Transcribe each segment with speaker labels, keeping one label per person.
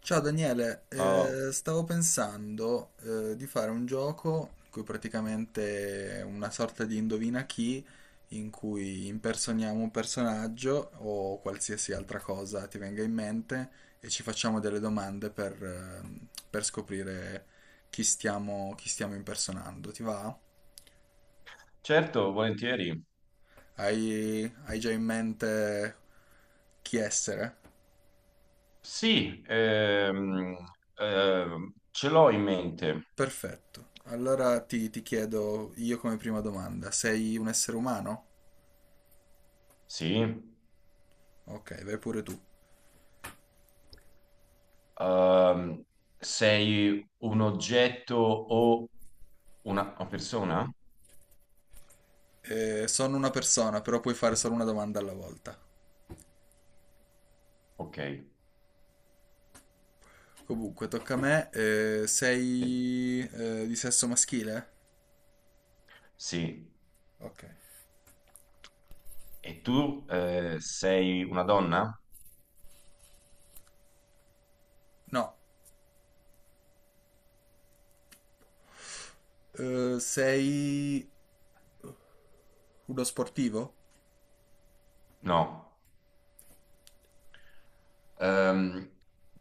Speaker 1: Ciao Daniele,
Speaker 2: Oh,
Speaker 1: stavo pensando di fare un gioco in cui praticamente è una sorta di indovina chi, in cui impersoniamo un personaggio o qualsiasi altra cosa ti venga in mente e ci facciamo delle domande per scoprire chi stiamo impersonando. Ti va?
Speaker 2: certo, volentieri.
Speaker 1: Hai già in mente chi essere?
Speaker 2: Sì, ce l'ho in mente.
Speaker 1: Perfetto. Allora ti chiedo io come prima domanda, sei un essere umano?
Speaker 2: Sì.
Speaker 1: Ok, vai pure tu.
Speaker 2: Ehm, Sei un oggetto o una persona?
Speaker 1: Sono una persona, però puoi fare solo una domanda alla volta.
Speaker 2: Ok,
Speaker 1: Comunque, tocca a me.
Speaker 2: sì.
Speaker 1: Sei di sesso maschile?
Speaker 2: Sì.
Speaker 1: Ok.
Speaker 2: E tu sei una donna?
Speaker 1: No. Sei uno sportivo?
Speaker 2: No. Ehm,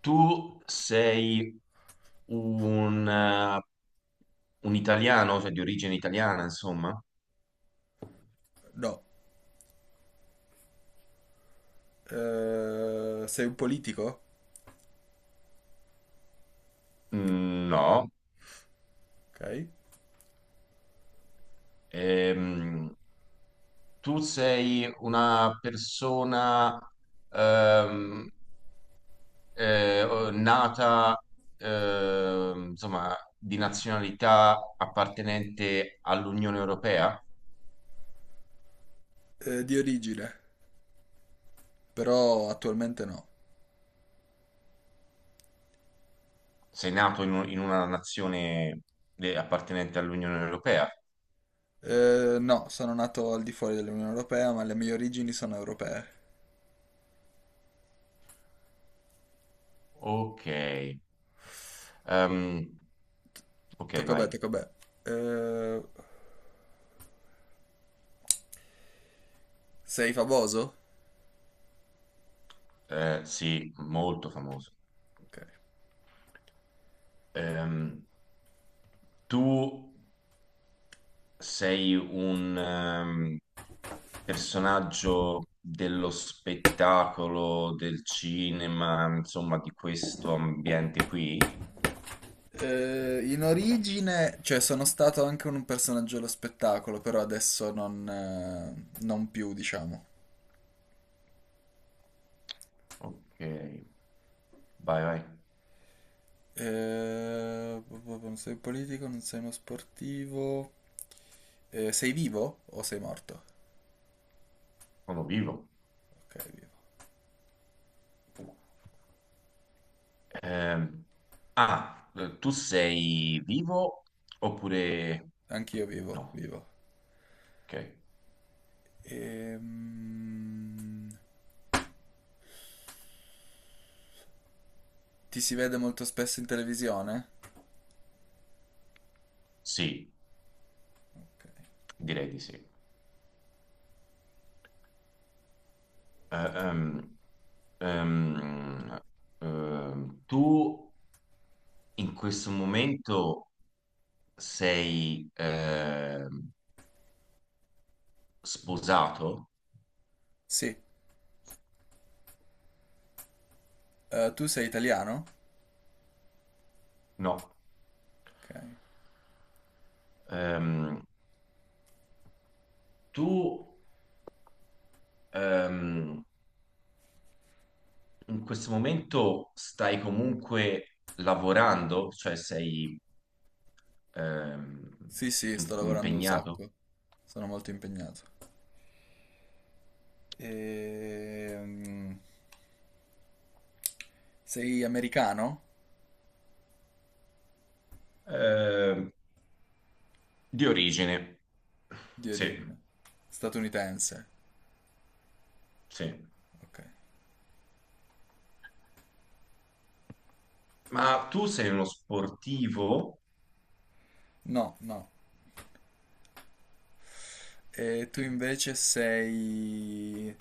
Speaker 2: Tu sei un, eh, un italiano, cioè di origine italiana, insomma?
Speaker 1: No. Sei un politico?
Speaker 2: Mm, no.
Speaker 1: Ok.
Speaker 2: Ehm, Tu sei una persona ehm, nata, insomma, di nazionalità appartenente all'Unione Europea?
Speaker 1: Di origine, però attualmente no.
Speaker 2: Sei nato in, in una nazione appartenente all'Unione Europea?
Speaker 1: No, sono nato al di fuori dell'Unione Europea, ma le mie origini sono europee.
Speaker 2: Ok. Ehm, ok, vai.
Speaker 1: Tocca a me. Eh, sei famoso?
Speaker 2: Sì, molto famoso.
Speaker 1: Ok.
Speaker 2: Ehm, Tu sei un personaggio dello spettacolo, del cinema, insomma, di questo ambiente qui.
Speaker 1: In origine, cioè sono stato anche un personaggio dello spettacolo, però adesso non più, diciamo.
Speaker 2: Ok, vai, vai,
Speaker 1: Non sei un politico, non sei uno sportivo. Sei vivo o sei morto?
Speaker 2: sono vivo.
Speaker 1: Ok, vivo.
Speaker 2: Ehm, Tu sei vivo oppure
Speaker 1: Anch'io
Speaker 2: no?
Speaker 1: vivo.
Speaker 2: Ok,
Speaker 1: Ehm... Ti si vede molto spesso in televisione?
Speaker 2: sì,
Speaker 1: Ok.
Speaker 2: direi di sì. Ehm, ehm, Tu in questo momento sei sposato?
Speaker 1: Sì. Tu sei italiano?
Speaker 2: No.
Speaker 1: Ok.
Speaker 2: Ehm, Tu ehm, in questo momento stai comunque lavorando, cioè sei ehm,
Speaker 1: Sì, sì, sto lavorando un
Speaker 2: impegnato?
Speaker 1: sacco. Sono molto impegnato. Ehm, Sei americano?
Speaker 2: Ehm, di origine,
Speaker 1: Di
Speaker 2: sì,
Speaker 1: origine. Statunitense.
Speaker 2: sì.
Speaker 1: Ok.
Speaker 2: Ma tu sei uno sportivo?
Speaker 1: No, no. E tu
Speaker 2: Che-
Speaker 1: invece sei...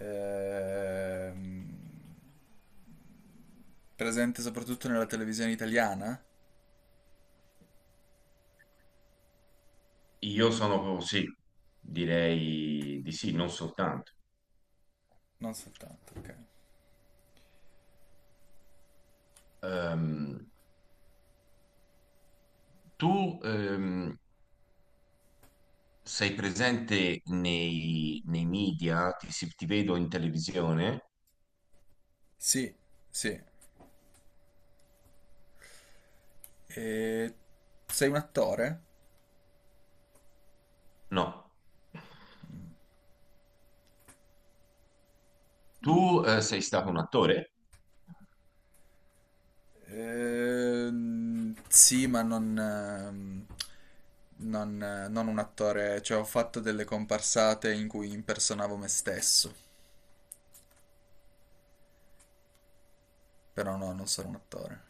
Speaker 1: ehm, Presente soprattutto nella televisione italiana?
Speaker 2: io sono sì, direi di sì, non soltanto.
Speaker 1: Non soltanto, ok.
Speaker 2: Ehm, Tu sei presente nei media? Ti, ti vedo in televisione?
Speaker 1: Sì, sì. Eh, sei un attore?
Speaker 2: No. Tu sei stato un attore?
Speaker 1: Sì, ma non un attore, cioè ho fatto delle comparsate in cui impersonavo me stesso, però no, non sono un attore.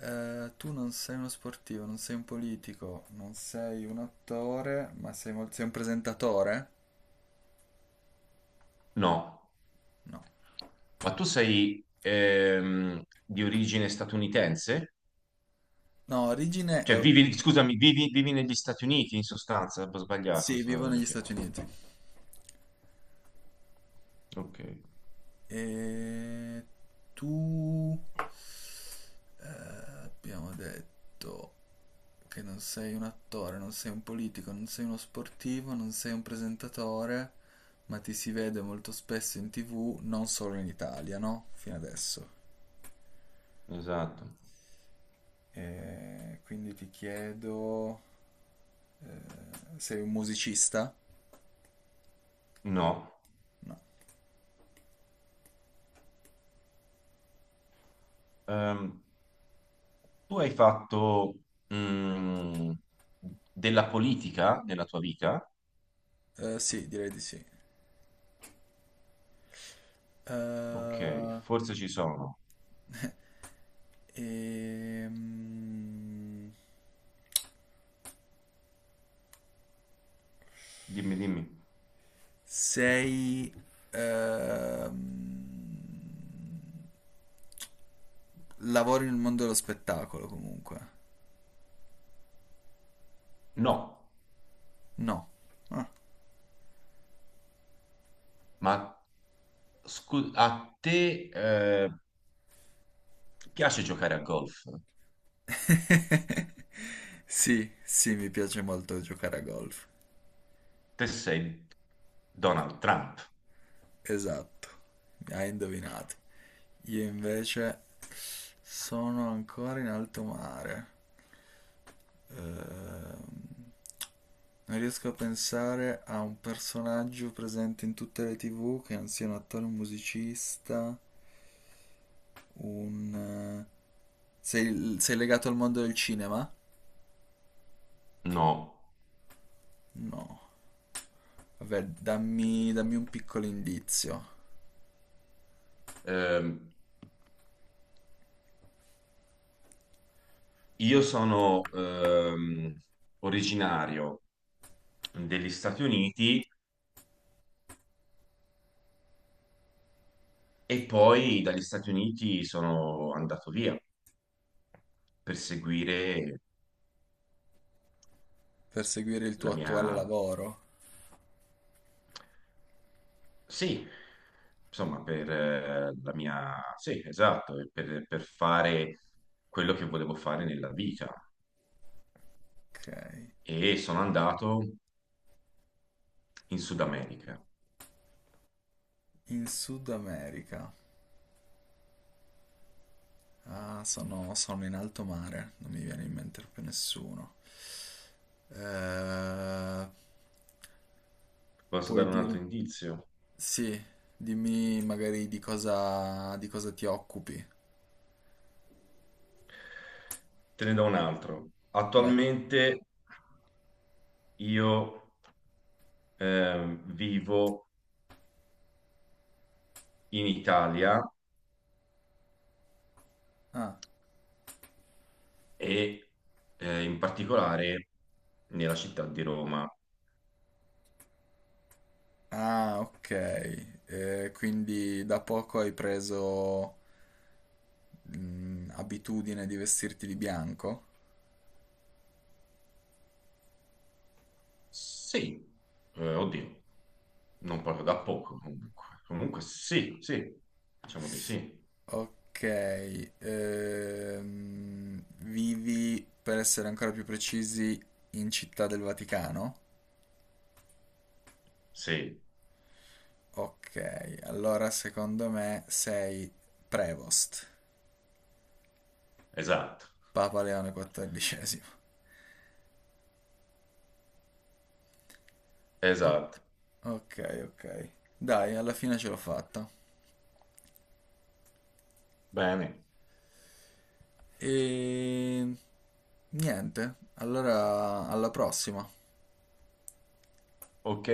Speaker 1: Tu non sei uno sportivo, non sei un politico, non sei un attore, ma sei un presentatore?
Speaker 2: No.
Speaker 1: No.
Speaker 2: Ma tu sei di origine statunitense?
Speaker 1: No, origine è...
Speaker 2: Cioè, vivi, scusami, vivi, vivi negli Stati Uniti in sostanza? Ho sbagliato.
Speaker 1: Sì,
Speaker 2: Questa era
Speaker 1: vivo
Speaker 2: la cosa
Speaker 1: negli
Speaker 2: che-
Speaker 1: Stati Uniti.
Speaker 2: ok,
Speaker 1: E tu abbiamo detto che non sei un attore, non sei un politico, non sei uno sportivo, non sei un presentatore, ma ti si vede molto spesso in TV, non solo in Italia, no? Fino adesso.
Speaker 2: esatto.
Speaker 1: E quindi ti chiedo, sei un musicista?
Speaker 2: No.
Speaker 1: No.
Speaker 2: Ehm, Tu hai fatto mm, della politica nella tua vita?
Speaker 1: Sì, direi di sì.
Speaker 2: Ok,
Speaker 1: Eh,
Speaker 2: forse ci sono.
Speaker 1: ehm,
Speaker 2: Dimmi, dimmi.
Speaker 1: Sei... ehm, lavori nel mondo dello spettacolo comunque.
Speaker 2: No,
Speaker 1: No. Ah.
Speaker 2: ma a te piace giocare a golf?
Speaker 1: Sì, sì, mi piace molto giocare a golf.
Speaker 2: Te sei Donald Trump?
Speaker 1: Esatto. Hai indovinato. Io invece sono ancora in alto mare. Ehm, non riesco a pensare a un personaggio presente in tutte le TV che non sia un attore o un musicista. Un... sei legato al mondo del cinema?
Speaker 2: No.
Speaker 1: No. Vabbè, dammi un piccolo indizio
Speaker 2: Ehm, io sono originario degli Stati Uniti e poi dagli Stati Uniti sono andato via per seguire
Speaker 1: per seguire il
Speaker 2: la
Speaker 1: tuo
Speaker 2: mia.
Speaker 1: attuale lavoro.
Speaker 2: Sì, insomma, per la mia... Sì, esatto, e per fare quello che volevo fare nella vita.
Speaker 1: Ok.
Speaker 2: E sono andato in Sud America.
Speaker 1: In Sud America. Ah, sono in alto mare, non mi viene in mente più nessuno. Eh,
Speaker 2: Posso
Speaker 1: puoi
Speaker 2: dare un altro
Speaker 1: dirmi...
Speaker 2: indizio?
Speaker 1: Sì, dimmi magari di cosa ti occupi.
Speaker 2: Te ne do un altro.
Speaker 1: Vai.
Speaker 2: Attualmente io vivo in Italia
Speaker 1: Ah,
Speaker 2: e in particolare nella città di Roma.
Speaker 1: ah, ok. Quindi da poco hai preso mm, abitudine di vestirti di bianco?
Speaker 2: Sì, oddio. Non parlo da poco comunque. Comunque sì, sì, diciamo di sì.
Speaker 1: Ok, vivi, per essere ancora più precisi, in Città del Vaticano?
Speaker 2: Sì,
Speaker 1: Ok, allora secondo me sei Prevost,
Speaker 2: esatto,
Speaker 1: Papa Leone XIV.
Speaker 2: esatto.
Speaker 1: Ok. Ok, ok. Dai, alla fine ce l'ho fatta.
Speaker 2: Bene,
Speaker 1: E niente, allora alla prossima.
Speaker 2: ok.